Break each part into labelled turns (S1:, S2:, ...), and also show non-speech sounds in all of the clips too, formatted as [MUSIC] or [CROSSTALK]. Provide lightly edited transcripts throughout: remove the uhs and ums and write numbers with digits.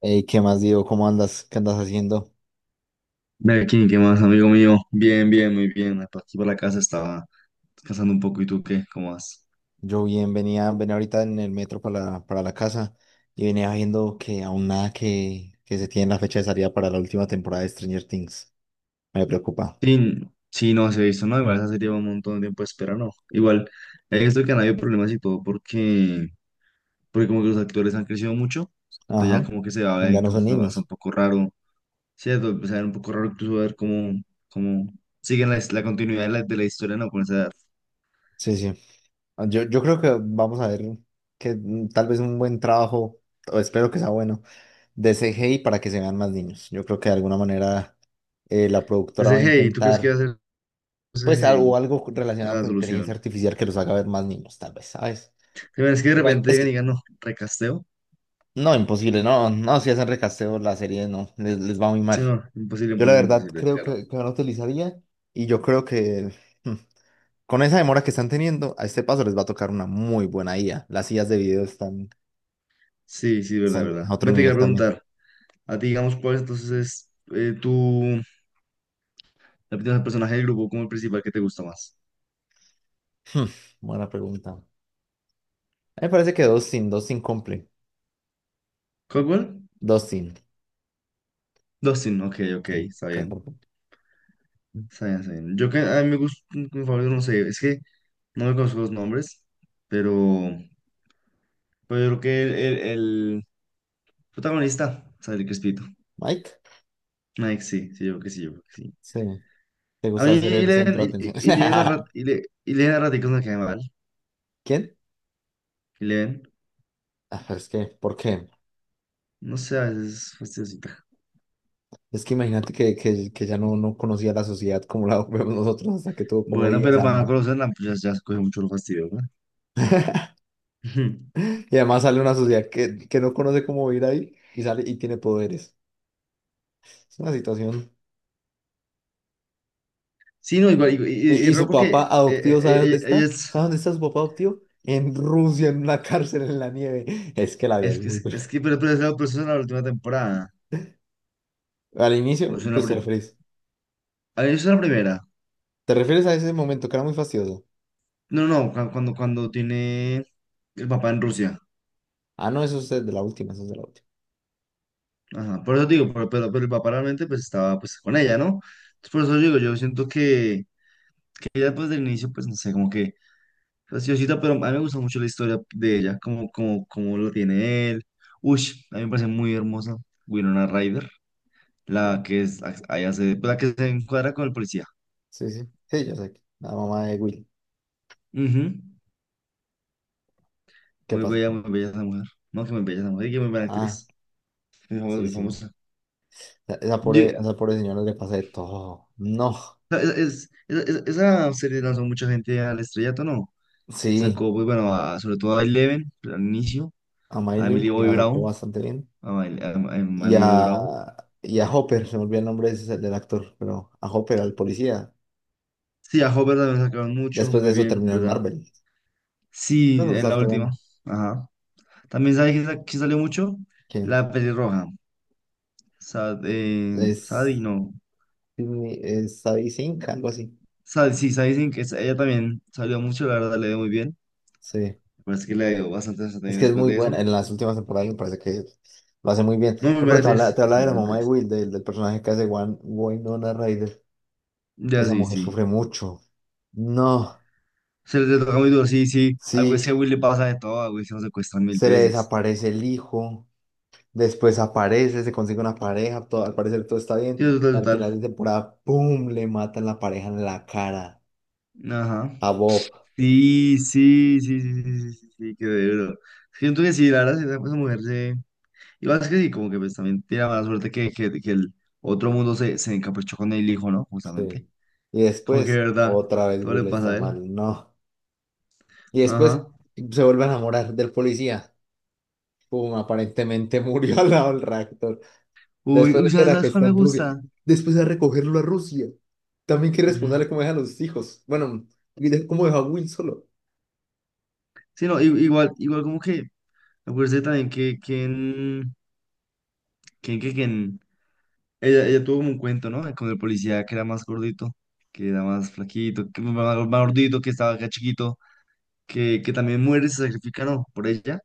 S1: Ey, ¿qué más digo? ¿Cómo andas? ¿Qué andas haciendo?
S2: Melkin, ¿qué más, amigo mío? Bien, bien, muy bien. Por aquí por la casa estaba descansando un poco. ¿Y tú qué? ¿Cómo vas?
S1: Yo bien, venía ahorita en el metro para la casa y venía viendo que aún nada que se tiene la fecha de salida para la última temporada de Stranger Things. Me preocupa.
S2: Sí, sí, no se ha visto, ¿no? Igual esa serie lleva un montón de tiempo de espera, ¿no? Igual, he visto que han habido problemas y todo porque, porque como que los actores han crecido mucho. Entonces ya
S1: Ajá,
S2: como que se va a ver
S1: ya no son
S2: incluso hasta
S1: niños.
S2: un poco raro. Cierto. Pues, se va a ver un poco raro incluso ver cómo, cómo siguen la continuidad de la historia, ¿no? Con esa edad.
S1: Sí, sí. Ah, Yo creo que vamos a ver que tal vez un buen trabajo, o espero que sea bueno, de CGI para que se vean más niños. Yo creo que de alguna manera la productora va
S2: Ese
S1: a
S2: hey, ¿tú crees que
S1: intentar,
S2: va a ser
S1: pues,
S2: ese
S1: algo,
S2: hey?
S1: algo relacionado
S2: La
S1: con inteligencia
S2: solución.
S1: artificial que los haga ver más niños, tal vez, ¿sabes?
S2: Pero es que de
S1: Bueno,
S2: repente
S1: es
S2: llegan y
S1: que,
S2: digan, no, recasteo.
S1: no, imposible, no, no, si hacen recasteo la serie, no, les va muy
S2: Sí,
S1: mal.
S2: no, imposible,
S1: Yo la
S2: imposible,
S1: verdad
S2: imposible,
S1: creo
S2: claro.
S1: que no la utilizaría y yo creo que hmm, con esa demora que están teniendo, a este paso les va a tocar una muy buena IA. Las IAs de video están,
S2: Sí, sí, verdad,
S1: están
S2: verdad.
S1: a otro
S2: Vete, quería
S1: nivel también.
S2: preguntar, a ti, digamos, ¿cuál entonces es tu la opinión del personaje del grupo como el principal que te gusta más?
S1: Hmm, Buena pregunta. A mí me parece que Dustin, Dustin cumple.
S2: ¿Cuál, cuál?
S1: Dustin,
S2: Dustin, ok, ok,
S1: sí.
S2: está bien,
S1: Claro.
S2: está bien, está bien. Yo que a mí me gusta, mi favorito, no sé, es que no me conozco los nombres, pero, pero yo creo que el protagonista, ¿sabes? El Crespito.
S1: Mike,
S2: Mike sí, sí, yo creo que sí, yo creo que sí.
S1: sí, te
S2: A
S1: gusta
S2: mí,
S1: hacer el
S2: Eleven,
S1: centro de
S2: Eleven,
S1: atención.
S2: Eleven, Eleven,
S1: [LAUGHS]
S2: Eleven, Eleven, Eleven, Eleven,
S1: ¿Quién?
S2: Eleven,
S1: Ah, pero es que, ¿por qué?
S2: no sé, a veces es fastidiosita.
S1: Es que imagínate que ya no conocía la sociedad como la [LAUGHS] vemos nosotros hasta que tuvo como
S2: Bueno,
S1: 10
S2: pero para no
S1: años.
S2: conocer la pues ya, ya se coge mucho lo fastidio, ¿verdad? Ujú.
S1: Y además sale una sociedad que no conoce cómo vivir ahí y sale y tiene poderes. Es una situación.
S2: Sí, no, igual, y, y-
S1: ¿Y,
S2: y
S1: y
S2: raro
S1: su
S2: porque
S1: papá adoptivo sabe dónde está?
S2: es,
S1: ¿Sabe dónde está su papá adoptivo? En Rusia, en una [LAUGHS] cárcel en la nieve. Es que la vida es muy...
S2: pero, pero eso es en la última temporada,
S1: [LAUGHS] Al
S2: o
S1: inicio,
S2: es en
S1: pues te refieres.
S2: ah, eso es en la primera,
S1: Te refieres a ese momento que era muy fastidioso.
S2: no, no, cuando tiene el papá en Rusia,
S1: Ah, no, eso es de la última, eso es de la última.
S2: ajá, por eso digo, pero el papá realmente, pues, estaba, pues, con ella, ¿no? Entonces, por eso digo, yo siento que ella, pues, del inicio, pues, no sé, como que graciosita, pero a mí me gusta mucho la historia de ella, como lo tiene él. Ush, a mí me parece muy hermosa Winona Ryder,
S1: Sí,
S2: la que es, ahí hace, pues, la que se encuadra con el policía.
S1: sí, sí, sí, yo sé. La mamá de Will.
S2: Ujú.
S1: ¿Qué pasó?
S2: Muy bella esa mujer. No, que muy bella esa mujer, y que muy buena
S1: Ah,
S2: actriz. Muy famosa,
S1: sí,
S2: muy
S1: sí.
S2: famosa.
S1: Esa pobre,
S2: Yo-
S1: esa pobre señora le pasa de todo. No,
S2: esa serie lanzó mucha gente al estrellato, ¿no?
S1: sí,
S2: Sacó, pues bueno, sobre todo a Eleven, al inicio,
S1: a
S2: a
S1: Miley
S2: Emily Bobby
S1: la sacó
S2: Brown,
S1: bastante bien.
S2: a, a
S1: Y
S2: Emily Bobby
S1: a,
S2: Brown.
S1: y a Hopper, se me olvidó el nombre de del actor, pero a Hopper, al policía.
S2: Sí, a Hopper también sacaron mucho,
S1: Después de
S2: muy
S1: eso
S2: bien,
S1: terminó en
S2: ¿verdad?
S1: Marvel. Bueno,
S2: Sí,
S1: los
S2: en la última.
S1: alteran.
S2: Ajá. También sabes que, que salió mucho
S1: ¿Quién?
S2: la pelirroja.
S1: Es,
S2: No.
S1: Es Sadie Sink, algo así.
S2: Sad, sí, Sadie Sink, ella también salió mucho, la verdad le dio muy bien.
S1: Sí.
S2: Me parece que le dio bastante
S1: Es
S2: desempeño
S1: que es
S2: después
S1: muy
S2: de
S1: buena.
S2: eso.
S1: En las últimas temporadas me parece que lo hace muy bien.
S2: No, muy
S1: No,
S2: buena
S1: pero te habla,
S2: actriz.
S1: te habla
S2: Muy
S1: de la
S2: buena
S1: mamá de
S2: actriz.
S1: Will, del personaje que hace Winona Ryder.
S2: Ya
S1: Esa
S2: sí,
S1: mujer
S2: sí.
S1: sufre mucho. No,
S2: Se le toca muy duro, sí, sí. A
S1: sí.
S2: Will le pasa de todo, a Will se lo secuestran mil
S1: Se le
S2: veces.
S1: desaparece el hijo. Después aparece, se consigue una pareja, todo, al parecer todo está
S2: Sí,
S1: bien. Y
S2: total,
S1: al
S2: total.
S1: final de temporada, ¡pum! Le matan la pareja en la cara
S2: Ajá.
S1: a Bob.
S2: Sí, sí, sí, sí, sí, sí, sí, sí, qué duro. Siento que sí, la verdad, esa mujer se. Y es que sí, como que pues también tiene la mala suerte que, que el otro mundo se, se encaprichó con el hijo, ¿no? Justamente.
S1: Sí. Y
S2: Como que de
S1: después,
S2: verdad,
S1: otra vez
S2: todo le
S1: Will
S2: pasa
S1: está
S2: a él.
S1: mal, no. Y después
S2: Ajá.
S1: se vuelve a enamorar del policía. ¡Pum! Aparentemente [LAUGHS] murió al lado del reactor.
S2: Uy,
S1: Después
S2: uy, ¿sabes,
S1: era que
S2: sabes cuál
S1: está
S2: me
S1: en Rusia.
S2: gusta?
S1: Después de recogerlo a Rusia. También que
S2: Ujú.
S1: responderle cómo deja a los hijos. Bueno, y cómo deja a Will solo.
S2: Sí, no, igual, igual como que me parece también que, que, en- que, que en- ella, ella tuvo como un cuento, ¿no? Con el policía que era más gordito, que era más flaquito, que más, más gordito, que estaba acá chiquito, que también muere, y se sacrifica, ¿no? Por ella,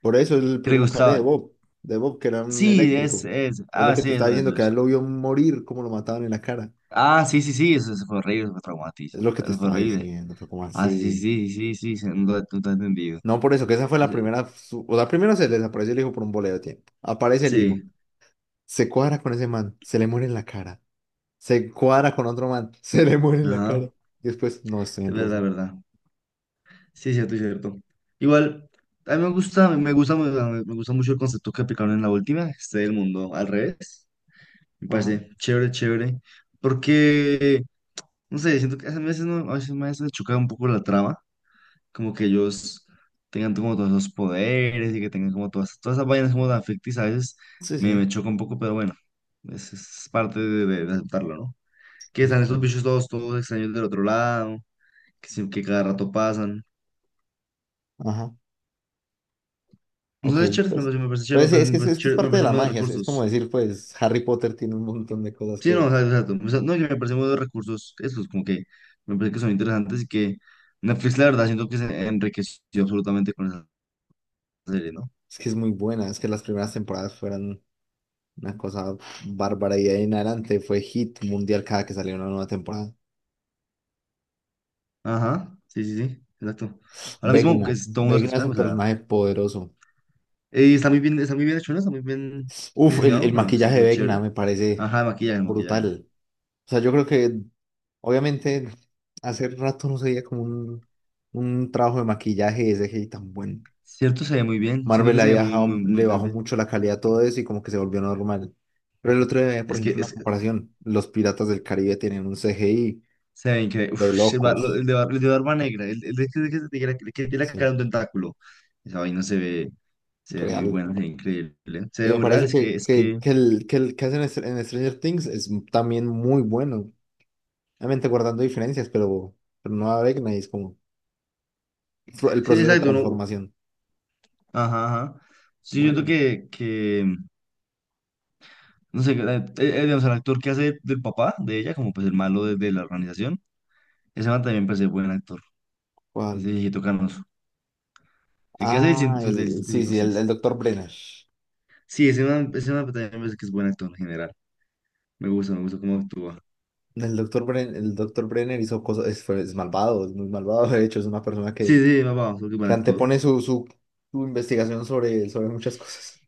S1: Por eso es el
S2: que le
S1: primero que hablé
S2: gustaba.
S1: De Bob, que era un
S2: Sí, es,
S1: eléctrico.
S2: es.
S1: Es lo
S2: Ah,
S1: que te
S2: sí,
S1: estaba
S2: eso,
S1: diciendo,
S2: eso,
S1: que a
S2: eso.
S1: él lo vio morir como lo mataban en la cara.
S2: Ah, sí, sí, sí, eso fue horrible, eso fue
S1: Es
S2: traumatísimo,
S1: lo que te
S2: eso fue
S1: estaba
S2: horrible.
S1: diciendo, fue como
S2: Ah, sí, sí,
S1: así.
S2: sí, sí, sí, sí, no, no te he entendido.
S1: No, por eso, que esa fue la
S2: Ese-
S1: primera. O sea, primero se le desapareció el hijo por un boleo de tiempo. Aparece el hijo,
S2: Sí,
S1: se cuadra con ese man, se le muere en la cara. Se cuadra con otro man, [LAUGHS] se le muere en la cara.
S2: ajá,
S1: Y después, no, estoy
S2: es
S1: en
S2: verdad, es
S1: Rusia.
S2: verdad. Sí, es cierto, es cierto. Igual, a mí me gusta, me gusta mucho el concepto que aplicaron en la última, este del mundo al revés. Me
S1: Ajá,
S2: parece chévere, chévere, porque, no sé, siento que a veces, no, a veces me hace chocar un poco la trama, como que ellos tengan como todos esos poderes y que tengan como todas, todas esas vainas como tan ficticias, a veces
S1: sí, sí.
S2: me choca un poco, pero bueno. Es parte de aceptarlo, ¿no? Que
S1: Sí,
S2: están estos
S1: claro.
S2: bichos todos, todos extraños del otro lado, que cada rato pasan.
S1: Ajá,
S2: No
S1: ok,
S2: sé, es chévere,
S1: pues.
S2: me parece chévere,
S1: Pues sí, es
S2: me
S1: que, es
S2: parece
S1: que es
S2: chévere, me
S1: parte de
S2: parece
S1: la
S2: muy de
S1: magia, es como
S2: recursos.
S1: decir, pues Harry Potter tiene un montón de cosas
S2: Sí, no, o sea, exacto. O sea, no, que me parece muy de recursos, esos como que me parece que son interesantes y que Netflix, la verdad, siento que se enriqueció absolutamente con esa serie, ¿no?
S1: Que es muy buena, es que las primeras temporadas fueron una cosa bárbara y de ahí en adelante fue hit mundial cada que salía una nueva temporada.
S2: Ajá, sí, sí, sí, exacto. Ahora mismo, que
S1: Vecna,
S2: es, todo el mundo está
S1: Vecna es
S2: esperando,
S1: un
S2: o sea,
S1: personaje poderoso.
S2: está muy bien hecho, ¿no? Está muy bien
S1: Uf, el,
S2: diseñado,
S1: el
S2: o sea,
S1: maquillaje de
S2: es
S1: Vecna
S2: chévere.
S1: me parece
S2: Ajá, el maquillaje, el maquillaje.
S1: brutal. O sea, yo creo que obviamente hace rato no se veía como un trabajo de maquillaje de CGI tan bueno.
S2: Cierto, se ve muy bien. Siento
S1: Marvel
S2: que se ve muy, muy, muy.
S1: le bajó mucho la calidad a todo eso y como que se volvió normal. Pero el otro día, por
S2: Es que
S1: ejemplo, una
S2: es,
S1: comparación, los Piratas del Caribe tienen un CGI.
S2: se ve increíble.
S1: De
S2: Uf,
S1: locos,
S2: el de, el de barba negra, el de que, que tiene la que tiene la cara de
S1: sí,
S2: un tentáculo. Esa vaina se ve muy
S1: real.
S2: buena, se ve increíble. Se
S1: Y
S2: ve
S1: me
S2: muy real.
S1: parece que,
S2: Es
S1: que,
S2: que,
S1: que el, que el que hacen en en Stranger Things es también muy bueno. Obviamente guardando diferencias, pero no Vecna y es como el
S2: sí,
S1: proceso de
S2: exacto, uno.
S1: transformación.
S2: Ajá, ajá. Sí, yo siento
S1: Bueno,
S2: que, no sé, digamos, el actor que hace del papá de ella, como pues el malo de la organización, ese man también parece buen actor.
S1: ¿cuál?
S2: Ese viejito canoso. El que hace el,
S1: Ah,
S2: pues, del
S1: el, sí,
S2: científico,
S1: sí,
S2: sí
S1: el,
S2: es.
S1: el doctor Brenner.
S2: Sí, ese man también me parece que es buen actor en general. Me gusta cómo actúa.
S1: El doctor Brenner, el doctor Brenner hizo cosas, es malvado, es muy malvado. De hecho, es una persona
S2: Sí,
S1: que,
S2: sí, papá, porque
S1: que
S2: buen actor.
S1: antepone su investigación sobre muchas cosas.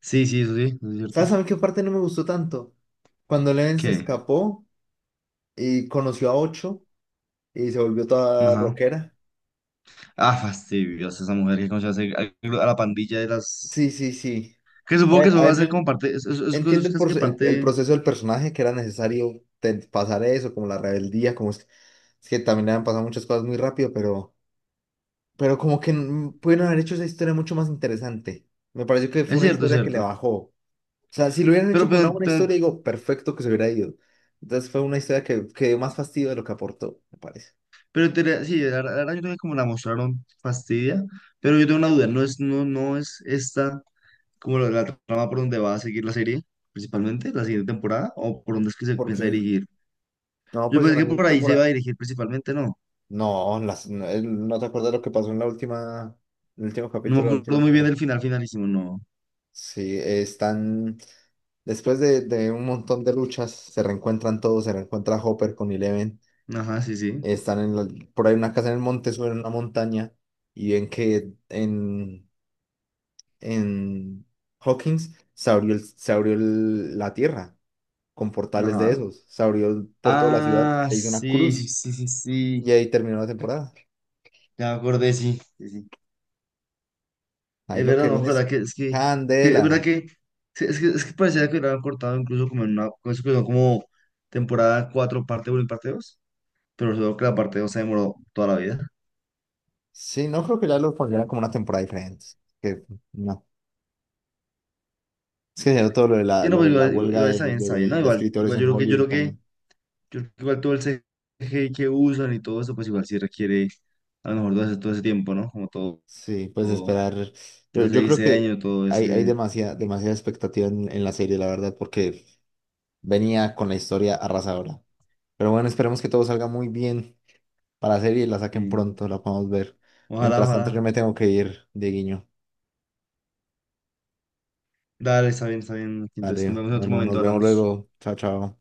S2: Sí, sí, eso es cierto.
S1: ¿Sabes a mí qué parte no me gustó tanto? Cuando Leven se
S2: ¿Qué?
S1: escapó y conoció a Ocho y se volvió toda
S2: Ajá.
S1: rockera.
S2: Ah, fastidiosa esa mujer que conoce hace a la pandilla de las...
S1: Sí, sí, sí.
S2: Que supongo que eso
S1: A
S2: va a
S1: ver, yo
S2: ser como parte... Es,
S1: entiendo
S2: es
S1: el,
S2: casi que
S1: proce- el-
S2: parte...
S1: el proceso del personaje, que era necesario pasar eso, como la rebeldía, como es que también le han pasado muchas cosas muy rápido, pero como que pudieron haber hecho esa historia mucho más interesante. Me pareció que fue
S2: Es
S1: una
S2: cierto, es
S1: historia que le
S2: cierto.
S1: bajó. O sea, si lo hubieran hecho
S2: Pero,
S1: con una
S2: pero,
S1: buena historia,
S2: pero,
S1: digo, perfecto que se hubiera ido. Entonces fue una historia que dio más fastidio de lo que aportó, me parece.
S2: sí, la, la verdad yo creo que como la mostraron fastidia, pero yo tengo una duda, ¿no es, no, no es esta como la trama por donde va a seguir la serie, principalmente, la siguiente temporada, o por dónde es que se piensa
S1: Porque,
S2: dirigir?
S1: no,
S2: Yo
S1: pues en
S2: pensé
S1: la
S2: que
S1: segunda
S2: por ahí se iba a
S1: temporada.
S2: dirigir principalmente, ¿no?
S1: No, no, ¿no te acuerdas lo que pasó en la última, el último
S2: No me
S1: capítulo de la última
S2: acuerdo muy bien
S1: temporada?
S2: del final, finalísimo, no.
S1: Sí, después de un montón de luchas, se reencuentran todos, se reencuentra Hopper con Eleven.
S2: Ajá, sí, sí.
S1: están en la- por ahí una casa en el monte, suben una montaña y ven que en Hawkins se abrió la tierra con portales de
S2: Ajá.
S1: esos, se abrió por toda la ciudad,
S2: Ah,
S1: se hizo una
S2: sí, sí,
S1: cruz
S2: sí, sí,
S1: y
S2: sí.
S1: ahí terminó la temporada.
S2: Ya me acordé, sí, sí, sí.
S1: Ahí
S2: Es
S1: lo que
S2: verdad, no me
S1: viene es
S2: acuerdo que es verdad
S1: candela.
S2: que sí, es que parecía que lo habían cortado incluso como en una como eso que son como temporada 4 parte uno y parte 2 pero solo que la parte 2 se demoró toda la vida.
S1: Sí, no creo que ya lo pondrían como una temporada diferente. Que no. Es que ya todo lo de la,
S2: Y no,
S1: lo de
S2: pues
S1: la
S2: igual,
S1: huelga
S2: igual
S1: de,
S2: está bien,
S1: de-
S2: ¿no?
S1: de
S2: Igual,
S1: escritores
S2: igual
S1: en Hollywood también.
S2: yo creo que igual todo el CGI que usan y todo eso, pues igual sí requiere a lo mejor todo ese tiempo, ¿no? Como todo.
S1: Sí, pues esperar. Yo,
S2: Entonces el
S1: yo creo que
S2: diseño, todo
S1: hay
S2: ese.
S1: demasiada, demasiada expectativa en la serie, la verdad, porque venía con la historia arrasadora. Pero bueno, esperemos que todo salga muy bien para la serie y la saquen
S2: Sí.
S1: pronto, la podamos ver.
S2: Ojalá,
S1: Mientras tanto, yo
S2: ojalá.
S1: me tengo que ir, Dieguiño.
S2: Dale, está bien, está bien. Entonces nos
S1: Vale,
S2: vemos en otro
S1: bueno, nos
S2: momento,
S1: vemos
S2: hablamos.
S1: luego. Chao, chao.